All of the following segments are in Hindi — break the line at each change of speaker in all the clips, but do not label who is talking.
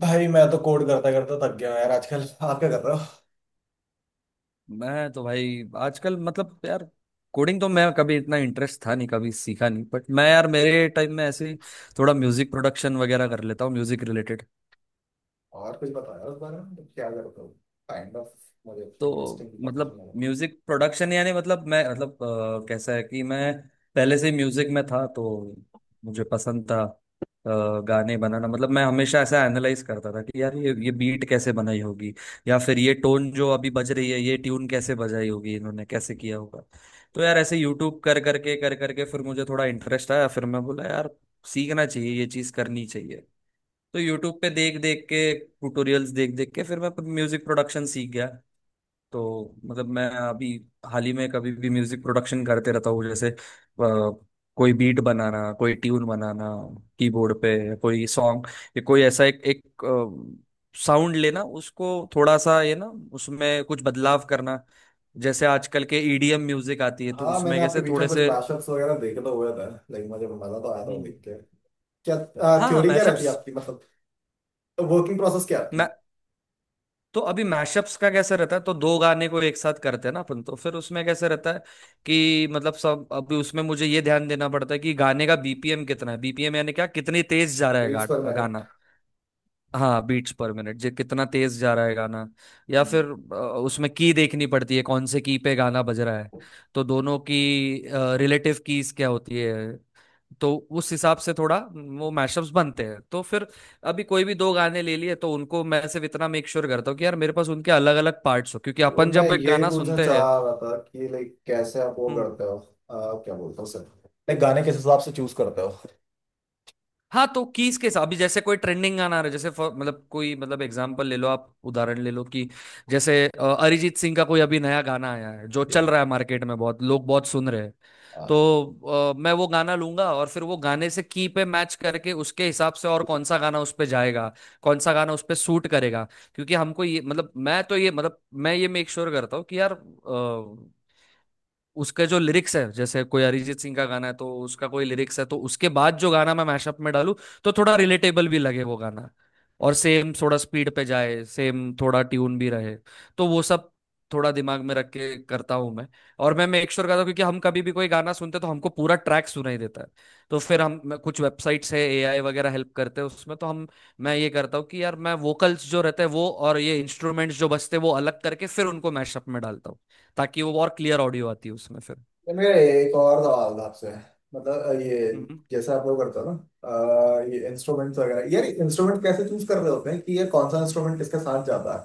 भाई, मैं तो कोड करता करता थक गया हूँ यार। आजकल आप क्या कर रहे हो?
मैं तो भाई आजकल मतलब यार कोडिंग तो मैं कभी इतना इंटरेस्ट था नहीं, कभी सीखा नहीं, बट मैं यार मेरे टाइम में ऐसे ही थोड़ा म्यूजिक प्रोडक्शन वगैरह कर लेता हूँ, म्यूजिक रिलेटेड।
और कुछ बताओ यार उस बारे में, मतलब क्या करते हो? काइंड ऑफ मुझे
तो
इंटरेस्टिंग समझ
मतलब
नहीं आ
म्यूजिक प्रोडक्शन यानी मतलब मैं मतलब कैसा है कि मैं पहले से म्यूजिक में था तो मुझे पसंद था गाने बनाना। मतलब मैं हमेशा ऐसा एनालाइज करता था कि यार ये बीट कैसे बनाई होगी, या फिर ये टोन जो अभी बज रही है ये ट्यून कैसे बजाई होगी, इन्होंने कैसे किया होगा। तो यार ऐसे यूट्यूब कर करके फिर मुझे थोड़ा इंटरेस्ट आया, फिर मैं बोला यार सीखना चाहिए, ये चीज़ करनी चाहिए। तो यूट्यूब पे देख देख के, ट्यूटोरियल्स देख देख के फिर मैं म्यूजिक प्रोडक्शन सीख गया। तो मतलब मैं अभी हाल ही में कभी भी म्यूजिक प्रोडक्शन करते रहता हूँ, जैसे कोई बीट बनाना, कोई ट्यून बनाना, कीबोर्ड पे कोई सॉन्ग, या कोई ऐसा एक एक साउंड लेना, उसको थोड़ा सा ये ना, उसमें कुछ बदलाव करना, जैसे आजकल के ईडीएम म्यूजिक आती है तो
रहा। हाँ, मैंने
उसमें
आपके
कैसे
बीच में
थोड़े
कुछ
से।
मैशअप्स वगैरह देखे तो हुए थे, लेकिन मुझे मजा तो आया था वो
हम्म,
देख के। क्या
हाँ,
थ्योरी क्या रहती है
मैशअप्स।
आपकी? मतलब वर्किंग प्रोसेस क्या है आपकी?
तो अभी मैशअप्स का कैसे रहता है, तो दो गाने को एक साथ करते हैं ना अपन, तो फिर उसमें कैसे रहता है कि मतलब सब अभी उसमें मुझे ये ध्यान देना पड़ता है कि गाने का बीपीएम कितना है। बीपीएम यानी क्या, कितनी तेज जा रहा है
बीट्स
गाना
पर मिनट।
गाना। हाँ, बीट्स पर मिनट जे कितना तेज जा रहा है गाना। या
हम्म।
फिर अ, उसमें की देखनी पड़ती है कौन से की पे गाना बज रहा है। तो दोनों की रिलेटिव कीज क्या होती है, तो उस हिसाब से थोड़ा वो मैशअप्स बनते हैं। तो फिर अभी कोई भी दो गाने ले लिए तो उनको मैं सिर्फ इतना मेक श्योर करता हूँ कि यार मेरे पास उनके अलग अलग पार्ट्स हो, क्योंकि अपन
मैं
जब एक
यही
गाना
पूछना
सुनते
चाह
हैं।
रहा था कि लाइक कैसे आप वो
हम्म,
करते हो, क्या बोलते हो सर? लाइक गाने किस हिसाब से चूज करते हो?
हाँ, तो कीज के साथ अभी जैसे कोई ट्रेंडिंग गाना आ रहा है, जैसे मतलब कोई मतलब एग्जांपल ले लो, आप उदाहरण ले लो कि जैसे अरिजीत सिंह का कोई अभी नया गाना आया है जो चल रहा है मार्केट में, बहुत लोग बहुत सुन रहे हैं।
जी।
तो मैं वो गाना लूंगा और फिर वो गाने से की पे मैच करके उसके हिसाब से, और कौन सा गाना उस पे जाएगा, कौन सा गाना उस पे सूट करेगा। क्योंकि हमको ये मतलब मैं तो ये मतलब मैं ये मेक श्योर करता हूँ कि यार उसके जो लिरिक्स है, जैसे कोई अरिजीत सिंह का गाना है तो उसका कोई लिरिक्स है, तो उसके बाद जो गाना मैं मैशअप में डालूं तो थोड़ा रिलेटेबल भी लगे वो गाना, और सेम थोड़ा स्पीड पे जाए, सेम थोड़ा ट्यून भी रहे। तो वो सब थोड़ा दिमाग में रख के करता हूँ मैं। और मैं मेक श्योर करता हूँ क्योंकि हम कभी भी कोई गाना सुनते हैं तो हमको पूरा ट्रैक सुनाई देता है, तो फिर हम कुछ वेबसाइट्स है, एआई वगैरह हेल्प करते हैं उसमें, तो हम मैं ये करता हूँ कि यार मैं वोकल्स जो रहते हैं वो और ये इंस्ट्रूमेंट्स जो बजते हैं वो अलग करके फिर उनको मैशअप में डालता हूँ, ताकि वो और क्लियर ऑडियो आती है उसमें फिर।
ये मेरा एक और सवाल था आपसे, मतलब ये,
हम्म
जैसे आप लोग करते हो ना, ये इंस्ट्रूमेंट्स वगैरह यार। इंस्ट्रूमेंट कैसे चूज कर रहे होते हैं कि ये कौन सा इंस्ट्रूमेंट किसके साथ जाता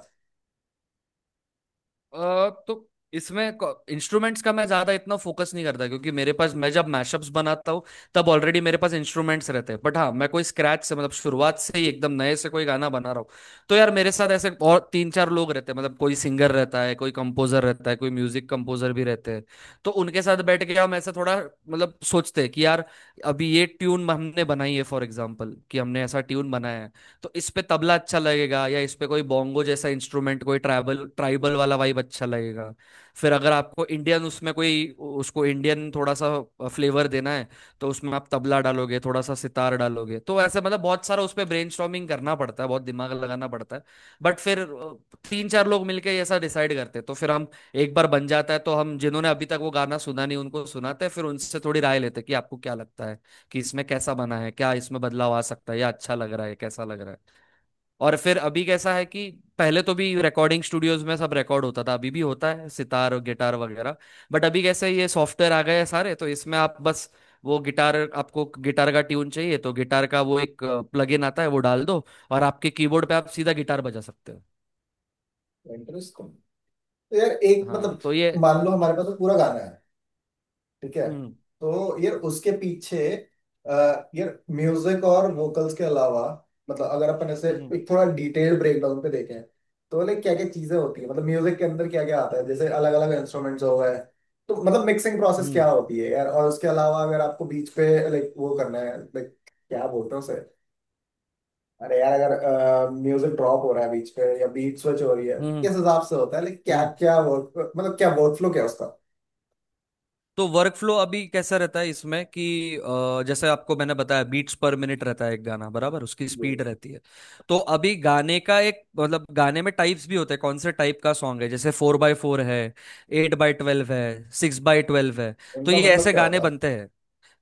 तो इसमें इंस्ट्रूमेंट्स का मैं ज्यादा इतना फोकस नहीं करता, क्योंकि मेरे पास मैं जब मैशअप्स बनाता हूँ तब ऑलरेडी मेरे पास इंस्ट्रूमेंट्स रहते हैं। बट हाँ, मैं कोई स्क्रैच से मतलब शुरुआत से ही एकदम नए से कोई गाना बना रहा हूँ तो यार मेरे साथ ऐसे और तीन चार लोग रहते हैं, मतलब कोई सिंगर रहता है, कोई कंपोजर रहता है, कोई म्यूजिक कंपोजर भी रहते हैं। तो उनके साथ बैठ के हम ऐसा थोड़ा मतलब सोचते हैं कि यार अभी ये ट्यून हमने बनाई है, फॉर एग्जाम्पल कि हमने ऐसा ट्यून बनाया है तो इस पे तबला अच्छा लगेगा, या इस पे कोई बोंगो जैसा इंस्ट्रूमेंट, कोई ट्राइबल ट्राइबल वाला वाइब अच्छा लगेगा। फिर अगर आपको इंडियन उसमें कोई उसको इंडियन थोड़ा सा फ्लेवर देना है तो उसमें आप तबला डालोगे, थोड़ा सा सितार डालोगे। तो ऐसे मतलब बहुत सारा उस पे ब्रेनस्टॉर्मिंग करना पड़ता है, बहुत दिमाग लगाना पड़ता है। बट फिर तीन चार लोग मिलके ये ऐसा डिसाइड करते हैं, तो फिर हम, एक बार बन जाता है तो हम जिन्होंने अभी तक वो गाना सुना नहीं उनको सुनाते हैं, फिर उनसे थोड़ी राय लेते हैं कि आपको क्या लगता है कि इसमें कैसा बना है, क्या इसमें बदलाव आ सकता है, या अच्छा लग रहा है, कैसा लग रहा है। और फिर अभी कैसा है कि पहले तो भी रिकॉर्डिंग स्टूडियोज में सब रिकॉर्ड होता था, अभी भी होता है सितार और गिटार वगैरह। बट अभी कैसे ये सॉफ्टवेयर आ गए हैं सारे तो इसमें आप बस वो गिटार, आपको गिटार का ट्यून चाहिए तो गिटार का वो एक प्लगइन आता है, वो डाल दो और आपके कीबोर्ड पे आप सीधा गिटार बजा सकते हो।
है? इंटरेस्ट को। तो यार एक
हाँ,
मतलब,
तो ये।
मान लो हमारे पास तो पूरा गाना है, ठीक है?
हम्म।
तो यार उसके पीछे, अ, यार म्यूजिक और वोकल्स के अलावा, मतलब अगर अपन ऐसे
हम्म।
एक थोड़ा डिटेल ब्रेकडाउन पे देखें, तो लाइक क्या क्या चीजें होती है मतलब? म्यूजिक के अंदर क्या क्या आता है? जैसे अलग अलग इंस्ट्रूमेंट्स हो गए, तो मतलब मिक्सिंग प्रोसेस क्या
हम्म।
होती है यार? और उसके अलावा अगर आपको बीच पे लाइक वो करना है, लाइक क्या बोलते हैं उसे? अरे यार, अगर म्यूजिक ड्रॉप हो रहा है बीच पे, या बीट स्विच हो रही है,
हम्म।
किस हिसाब से होता है? लाइक क्या
हम्म।
क्या वर्क, मतलब क्या वर्क फ्लो क्या है उसका?
तो वर्क फ्लो अभी कैसा रहता है इसमें कि जैसे आपको मैंने बताया बीट्स पर मिनट रहता है एक गाना, बराबर उसकी
जी।
स्पीड रहती है। तो अभी गाने का एक मतलब गाने में टाइप्स भी होते हैं, कौन से टाइप का सॉन्ग है, जैसे फोर बाय फोर है, एट बाय ट्वेल्व है, सिक्स बाय ट्वेल्व है। तो
इनका
ये
मतलब
ऐसे
क्या
गाने
होता
बनते हैं।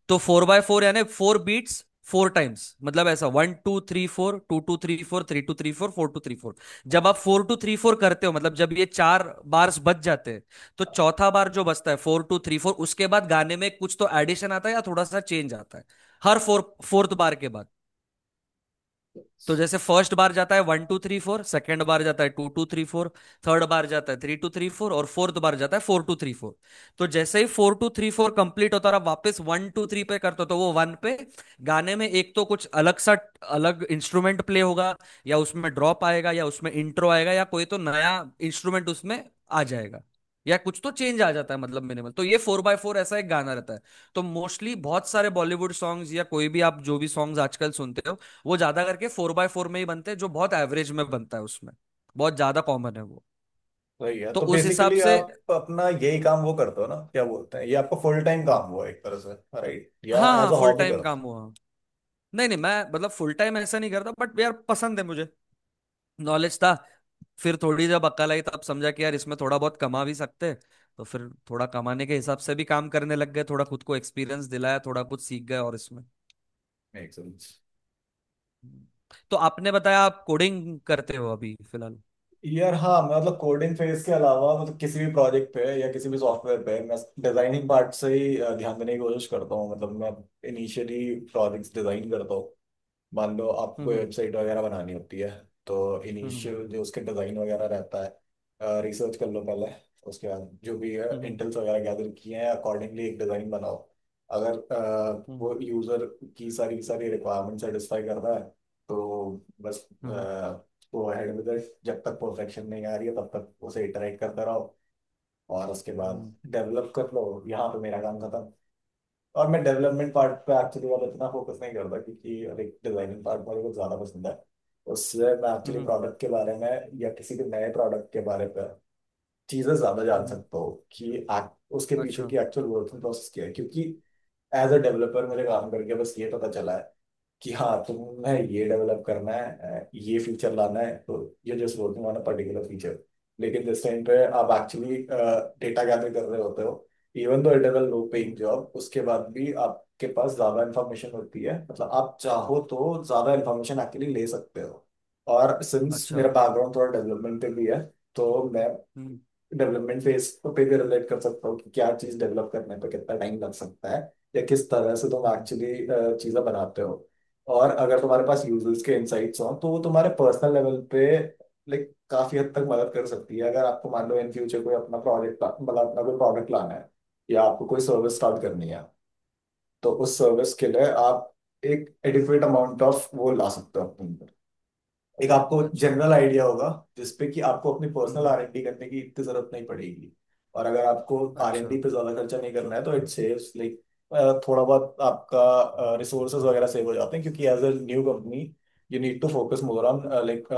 तो फोर बाय फोर यानी फोर बीट्स, फोर टाइम्स, मतलब ऐसा one two three four, two two three four, three two three four, four two three four. जब आप फोर टू थ्री फोर करते हो, मतलब जब ये चार बार्स बच जाते हैं, तो
है?
चौथा बार जो बचता है फोर टू थ्री फोर, उसके बाद गाने में कुछ तो एडिशन आता है या थोड़ा सा चेंज आता है, हर फोर फोर्थ बार के बाद। तो जैसे फर्स्ट बार जाता है one two three four, second bar जाता है two two three four, third bar जाता है थ्री टू थ्री फोर, और फोर्थ बार जाता है फोर टू थ्री फोर। तो जैसे ही four two three four complete होता और आप वापस वन टू थ्री पे करते हो तो वो वन पे गाने में एक तो कुछ अलग सा अलग इंस्ट्रूमेंट प्ले होगा, या उसमें ड्रॉप आएगा, या उसमें इंट्रो आएगा, या कोई तो नया इंस्ट्रूमेंट उसमें आ जाएगा, या कुछ तो चेंज आ जाता है। मतलब मिनिमल तो ये फोर बाय फोर ऐसा एक गाना रहता है। तो मोस्टली बहुत सारे बॉलीवुड सॉन्ग्स, या कोई भी आप जो भी सॉन्ग्स आजकल सुनते हो वो ज्यादा करके फोर बाय फोर में ही बनते हैं, जो बहुत एवरेज में बनता है उसमें बहुत ज्यादा कॉमन है वो।
वही है।
तो
तो
उस हिसाब
बेसिकली
से।
आप अपना यही काम वो करते हो ना, क्या बोलते हैं, ये आपका फुल टाइम काम हुआ एक तरह से, राइट? या
हाँ
एज
हाँ,
अ
फुल
हॉबी
टाइम
करते
काम
हो?
हुआ। नहीं नहीं, मैं मतलब फुल टाइम ऐसा नहीं करता, बट यार पसंद है मुझे, नॉलेज था, फिर थोड़ी जब अक्ल आई तब समझा कि यार इसमें थोड़ा बहुत कमा भी सकते हैं। तो फिर थोड़ा कमाने के हिसाब से भी काम करने लग गए, थोड़ा खुद को एक्सपीरियंस दिलाया, थोड़ा कुछ सीख गए और इसमें।
Make sense.
तो आपने बताया आप कोडिंग करते हो अभी फिलहाल।
यार हाँ, मतलब कोडिंग फेज के अलावा, मतलब किसी भी प्रोजेक्ट पे या किसी भी सॉफ्टवेयर पे, मैं डिजाइनिंग पार्ट से ही ध्यान देने की कोशिश करता हूँ। मतलब मैं इनिशियली प्रोजेक्ट्स डिजाइन करता हूँ। मान लो आपको कोई
हम्म।
वेबसाइट वगैरह बनानी होती है, तो
हम्म।
इनिशियल जो उसके डिज़ाइन वगैरह रहता है, रिसर्च कर लो पहले। उसके बाद जो भी
हम्म।
इंटेल्स वगैरह गैदर किए हैं, अकॉर्डिंगली एक डिज़ाइन बनाओ। अगर
हम्म।
वो यूज़र की सारी रिक्वायरमेंट सेटिस्फाई कर रहा है, तो बस
hmm. Hmm.
Go ahead with it. जब तक परफेक्शन नहीं आ रही है, तब तक उसे इटरेट करते रहो। और उसके बाद
हम्म।
डेवलप कर लो। यहाँ पे मेरा काम खत्म। और मैं डेवलपमेंट पार्ट पे एक्चुअली वाला इतना फोकस नहीं करता, क्योंकि लाइक डिजाइनिंग पार्ट मुझे कुछ ज़्यादा पसंद है। उससे मैं
हम्म,
एक्चुअली
हम्म,
प्रोडक्ट के बारे में या किसी भी नए प्रोडक्ट के बारे में चीज़ें ज़्यादा जान
हम्म,
सकता हूँ कि उसके पीछे
अच्छा।
की एक्चुअल वर्किंग प्रोसेस क्या है। क्योंकि एज अ डेवलपर मेरे काम करके बस ये पता चला है कि हाँ, तुम्हें ये डेवलप करना है, ये फीचर लाना है, तो ये just working on a particular feature. लेकिन जिस टाइम पे आप एक्चुअली डेटा गैदर कर रहे होते हो, even though it is a low paying
hmm,
job, उसके बाद भी आपके पास ज्यादा इन्फॉर्मेशन होती है। मतलब आप चाहो तो ज्यादा इन्फॉर्मेशन एक्चुअली ले सकते हो। और सिंस
अच्छा।
मेरा बैकग्राउंड थोड़ा डेवलपमेंट पे भी है, तो मैं
हम्म।
डेवलपमेंट फेज पे भी रिलेट कर सकता हो कि क्या चीज डेवलप करने पे कितना टाइम लग सकता है, या किस तरह से तुम
हम्म।
एक्चुअली चीजें बनाते हो। और अगर तुम्हारे पास यूजर्स के इनसाइट्स हो, तो वो तुम्हारे पर्सनल लेवल पे लाइक काफी हद तक मदद कर सकती है। अगर आपको मान लो इन फ्यूचर कोई अपना प्रोजेक्ट, मतलब अपना कोई प्रोडक्ट लाना है, या आपको कोई सर्विस
हम्म।
स्टार्ट करनी है, तो
हम्म,
उस सर्विस के लिए आप एक एडिक्वेट अमाउंट ऑफ वो ला सकते हो अपने, एक आपको
अच्छा।
जनरल आइडिया होगा जिसपे कि आपको अपनी पर्सनल
हम्म,
R&D करने की इतनी जरूरत नहीं पड़ेगी। और अगर आपको आर एन
अच्छा।
डी पे ज्यादा खर्चा नहीं करना है, तो इट सेव्स लाइक थोड़ा बहुत आपका रिसोर्सेज वगैरह सेव हो जाते हैं। क्योंकि as a new company, you need to focus more on like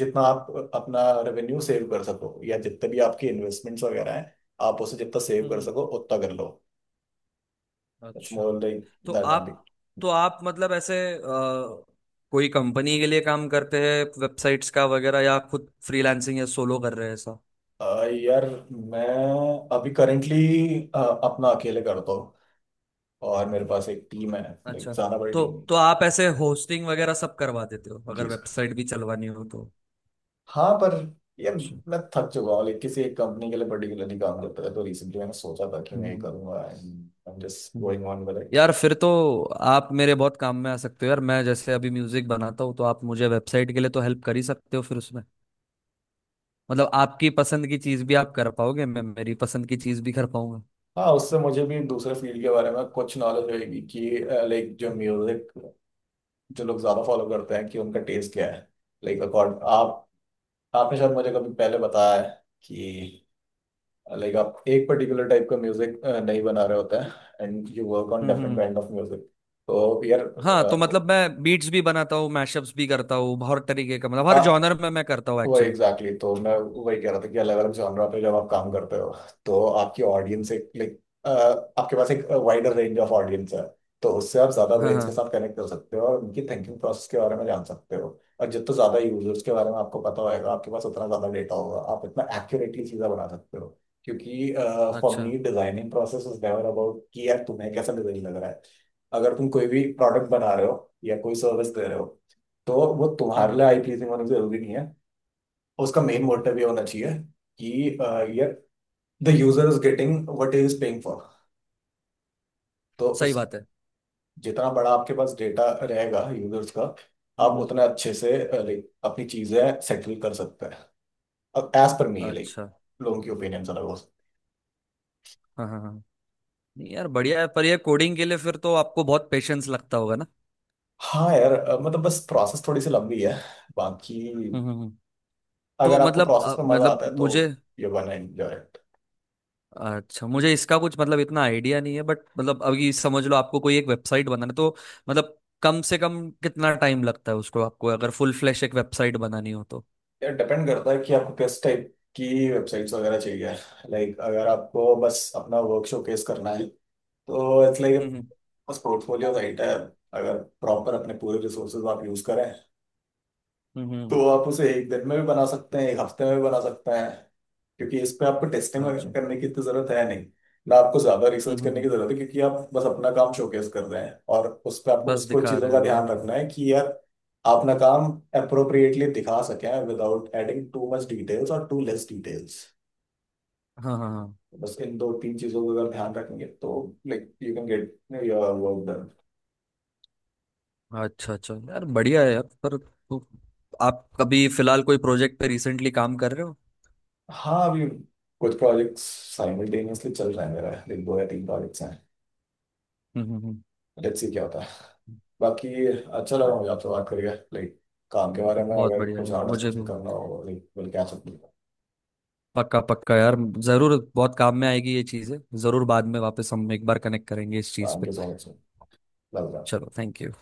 जितना आप अपना रेवेन्यू सेव कर सको, या जितने भी आपकी इन्वेस्टमेंट्स वगैरह हैं, आप उसे जितना सेव कर
हम्म,
सको उतना कर लो। इट्स
अच्छा।
मोर लाइक
तो
दैट ओनली।
आप तो आप मतलब ऐसे कोई कंपनी के लिए काम करते हैं वेबसाइट्स का वगैरह, या खुद फ्रीलांसिंग या सोलो कर रहे हैं ऐसा।
यार मैं अभी करेंटली अपना अकेले करता हूँ, और मेरे पास एक टीम है, लाइक
अच्छा।
ज्यादा बड़ी
तो
टीम नहीं।
तो आप ऐसे होस्टिंग वगैरह सब करवा देते हो अगर
जी सर।
वेबसाइट भी चलवानी हो तो।
हाँ पर यार
अच्छा,
मैं थक चुका हूँ। लाइक किसी एक कंपनी के लिए पर्टिकुलरली काम करता था, तो रिसेंटली मैंने सोचा था कि मैं ये
हम्म,
करूंगा, and I am just
hmm.
Going on with it.
यार फिर तो आप मेरे बहुत काम में आ सकते हो यार, मैं जैसे अभी म्यूजिक बनाता हूँ तो आप मुझे वेबसाइट के लिए तो हेल्प कर ही सकते हो, फिर उसमें मतलब आपकी पसंद की चीज भी आप कर पाओगे, मैं मेरी पसंद की चीज भी कर पाऊंगा।
हाँ, उससे मुझे भी दूसरे फील्ड के बारे में कुछ नॉलेज होगी कि लाइक जो म्यूजिक, जो लोग ज्यादा फॉलो करते हैं, कि उनका टेस्ट क्या है। लाइक अकॉर्ड आप, आपने शायद मुझे कभी पहले बताया है कि लाइक आप एक पर्टिकुलर टाइप का म्यूजिक नहीं बना रहे होते हैं, and you work on
hmm,
different kind of music. तो यार
हाँ तो मतलब मैं बीट्स भी बनाता हूँ, मैशअप्स भी करता हूँ, हर तरीके का मतलब हर
आ,
जॉनर में मैं करता हूँ
वही
एक्चुअली।
Exactly exactly. तो मैं वही कह रहा था कि अलग अलग जॉनरा पे जब आप काम करते हो, तो आपकी ऑडियंस एक लाइक, आपके पास एक वाइडर रेंज ऑफ ऑडियंस है। तो उससे आप ज्यादा
हाँ
ब्रेन्स के
हाँ,
साथ कनेक्ट कर सकते हो और उनकी थिंकिंग प्रोसेस के बारे में जान सकते हो। और जितना ज्यादा यूजर्स के बारे में आपको पता होगा, आपके पास उतना ज्यादा डेटा होगा, आप इतना एक्यूरेटली चीजें बना सकते हो। क्योंकि फॉर
अच्छा,
me designing process is never about कि यार तुम्हें कैसा डिजाइन लग रहा है। अगर तुम कोई भी प्रोडक्ट बना रहे हो, या कोई सर्विस दे रहे हो, तो वो
हाँ
तुम्हारे
हाँ,
लिए आई प्लीजिंग होना जरूरी नहीं है। और उसका मेन
हम्म, हम्म।
मोटिव ये होना चाहिए कि ये, the user is getting what he is paying for. तो
सही
उस,
बात है।
जितना बड़ा आपके पास डेटा रहेगा यूजर्स का,
हम्म,
आप उतना अच्छे से लाइक अपनी चीजें सेटल कर सकते हैं। अब एज पर मी लाइक
अच्छा।
लोगों की ओपिनियन अलग हो सकती।
हाँ हाँ हाँ। नहीं यार, बढ़िया है, पर ये कोडिंग के लिए फिर तो आपको बहुत पेशेंस लगता होगा ना।
हाँ यार मतलब बस प्रोसेस थोड़ी सी लंबी है। बाकी
हम्म, तो
अगर आपको
मतलब
प्रोसेस में मजा
मतलब
आता है तो
मुझे,
ये वन एंजॉय इट।
अच्छा, मुझे इसका कुछ मतलब इतना आइडिया नहीं है, बट मतलब अभी समझ लो आपको कोई एक वेबसाइट बनाना है, तो मतलब कम से कम कितना टाइम लगता है उसको, आपको अगर फुल फ्लैश एक वेबसाइट बनानी हो तो।
यार डिपेंड करता है कि आपको किस टाइप की वेबसाइट्स वगैरह चाहिए। लाइक अगर आपको बस अपना वर्क शोकेस करना है, तो इट्स लाइक
हम्म,
बस पोर्टफोलियो, राइट है। अगर प्रॉपर अपने पूरे रिसोर्सेज आप यूज करें,
हम्म,
तो आप उसे एक दिन में भी बना सकते हैं, एक हफ्ते में भी बना सकते हैं। क्योंकि इस पे आपको टेस्टिंग वगैरह
अच्छा।
करने की तो जरूरत है नहीं, ना आपको ज्यादा
हम्म,
रिसर्च
हम्म,
करने की जरूरत है। क्योंकि आप बस अपना काम शोकेस कर रहे हैं, और उस पर आपको बस
बस
कुछ
दिखा
चीजों
रहे हैं
का
लोगों
ध्यान
को।
रखना है कि यार आप अपना काम अप्रोप्रिएटली दिखा सकें, without adding too much details और टू लेस डिटेल्स।
हाँ हाँ
बस इन दो तीन चीजों का अगर ध्यान रखेंगे, तो like you can get your work done.
हाँ, अच्छा अच्छा यार, बढ़िया है यार, पर तो आप कभी फिलहाल कोई प्रोजेक्ट पे रिसेंटली काम कर रहे हो।
हाँ अभी कुछ प्रोजेक्ट्स साइमल्टेनियसली चल रहे हैं मेरा, लाइक दो या तीन प्रोजेक्ट्स हैं।
हम्म, हम्म,
लेट्स सी क्या होता है। बाकी अच्छा लगा
हम्म,
मुझे आपसे बात करके, लाइक काम के बारे में
बहुत
अगर
बढ़िया
कुछ
यार।
और
मुझे भी
डिस्कशन करना हो, लाइक विल कैच अप।
पक्का पक्का यार, जरूर बहुत काम में आएगी ये चीजें, जरूर बाद में वापस हम एक बार कनेक्ट करेंगे इस चीज
थैंक
पे।
You so much. लग रहा
चलो, थैंक यू।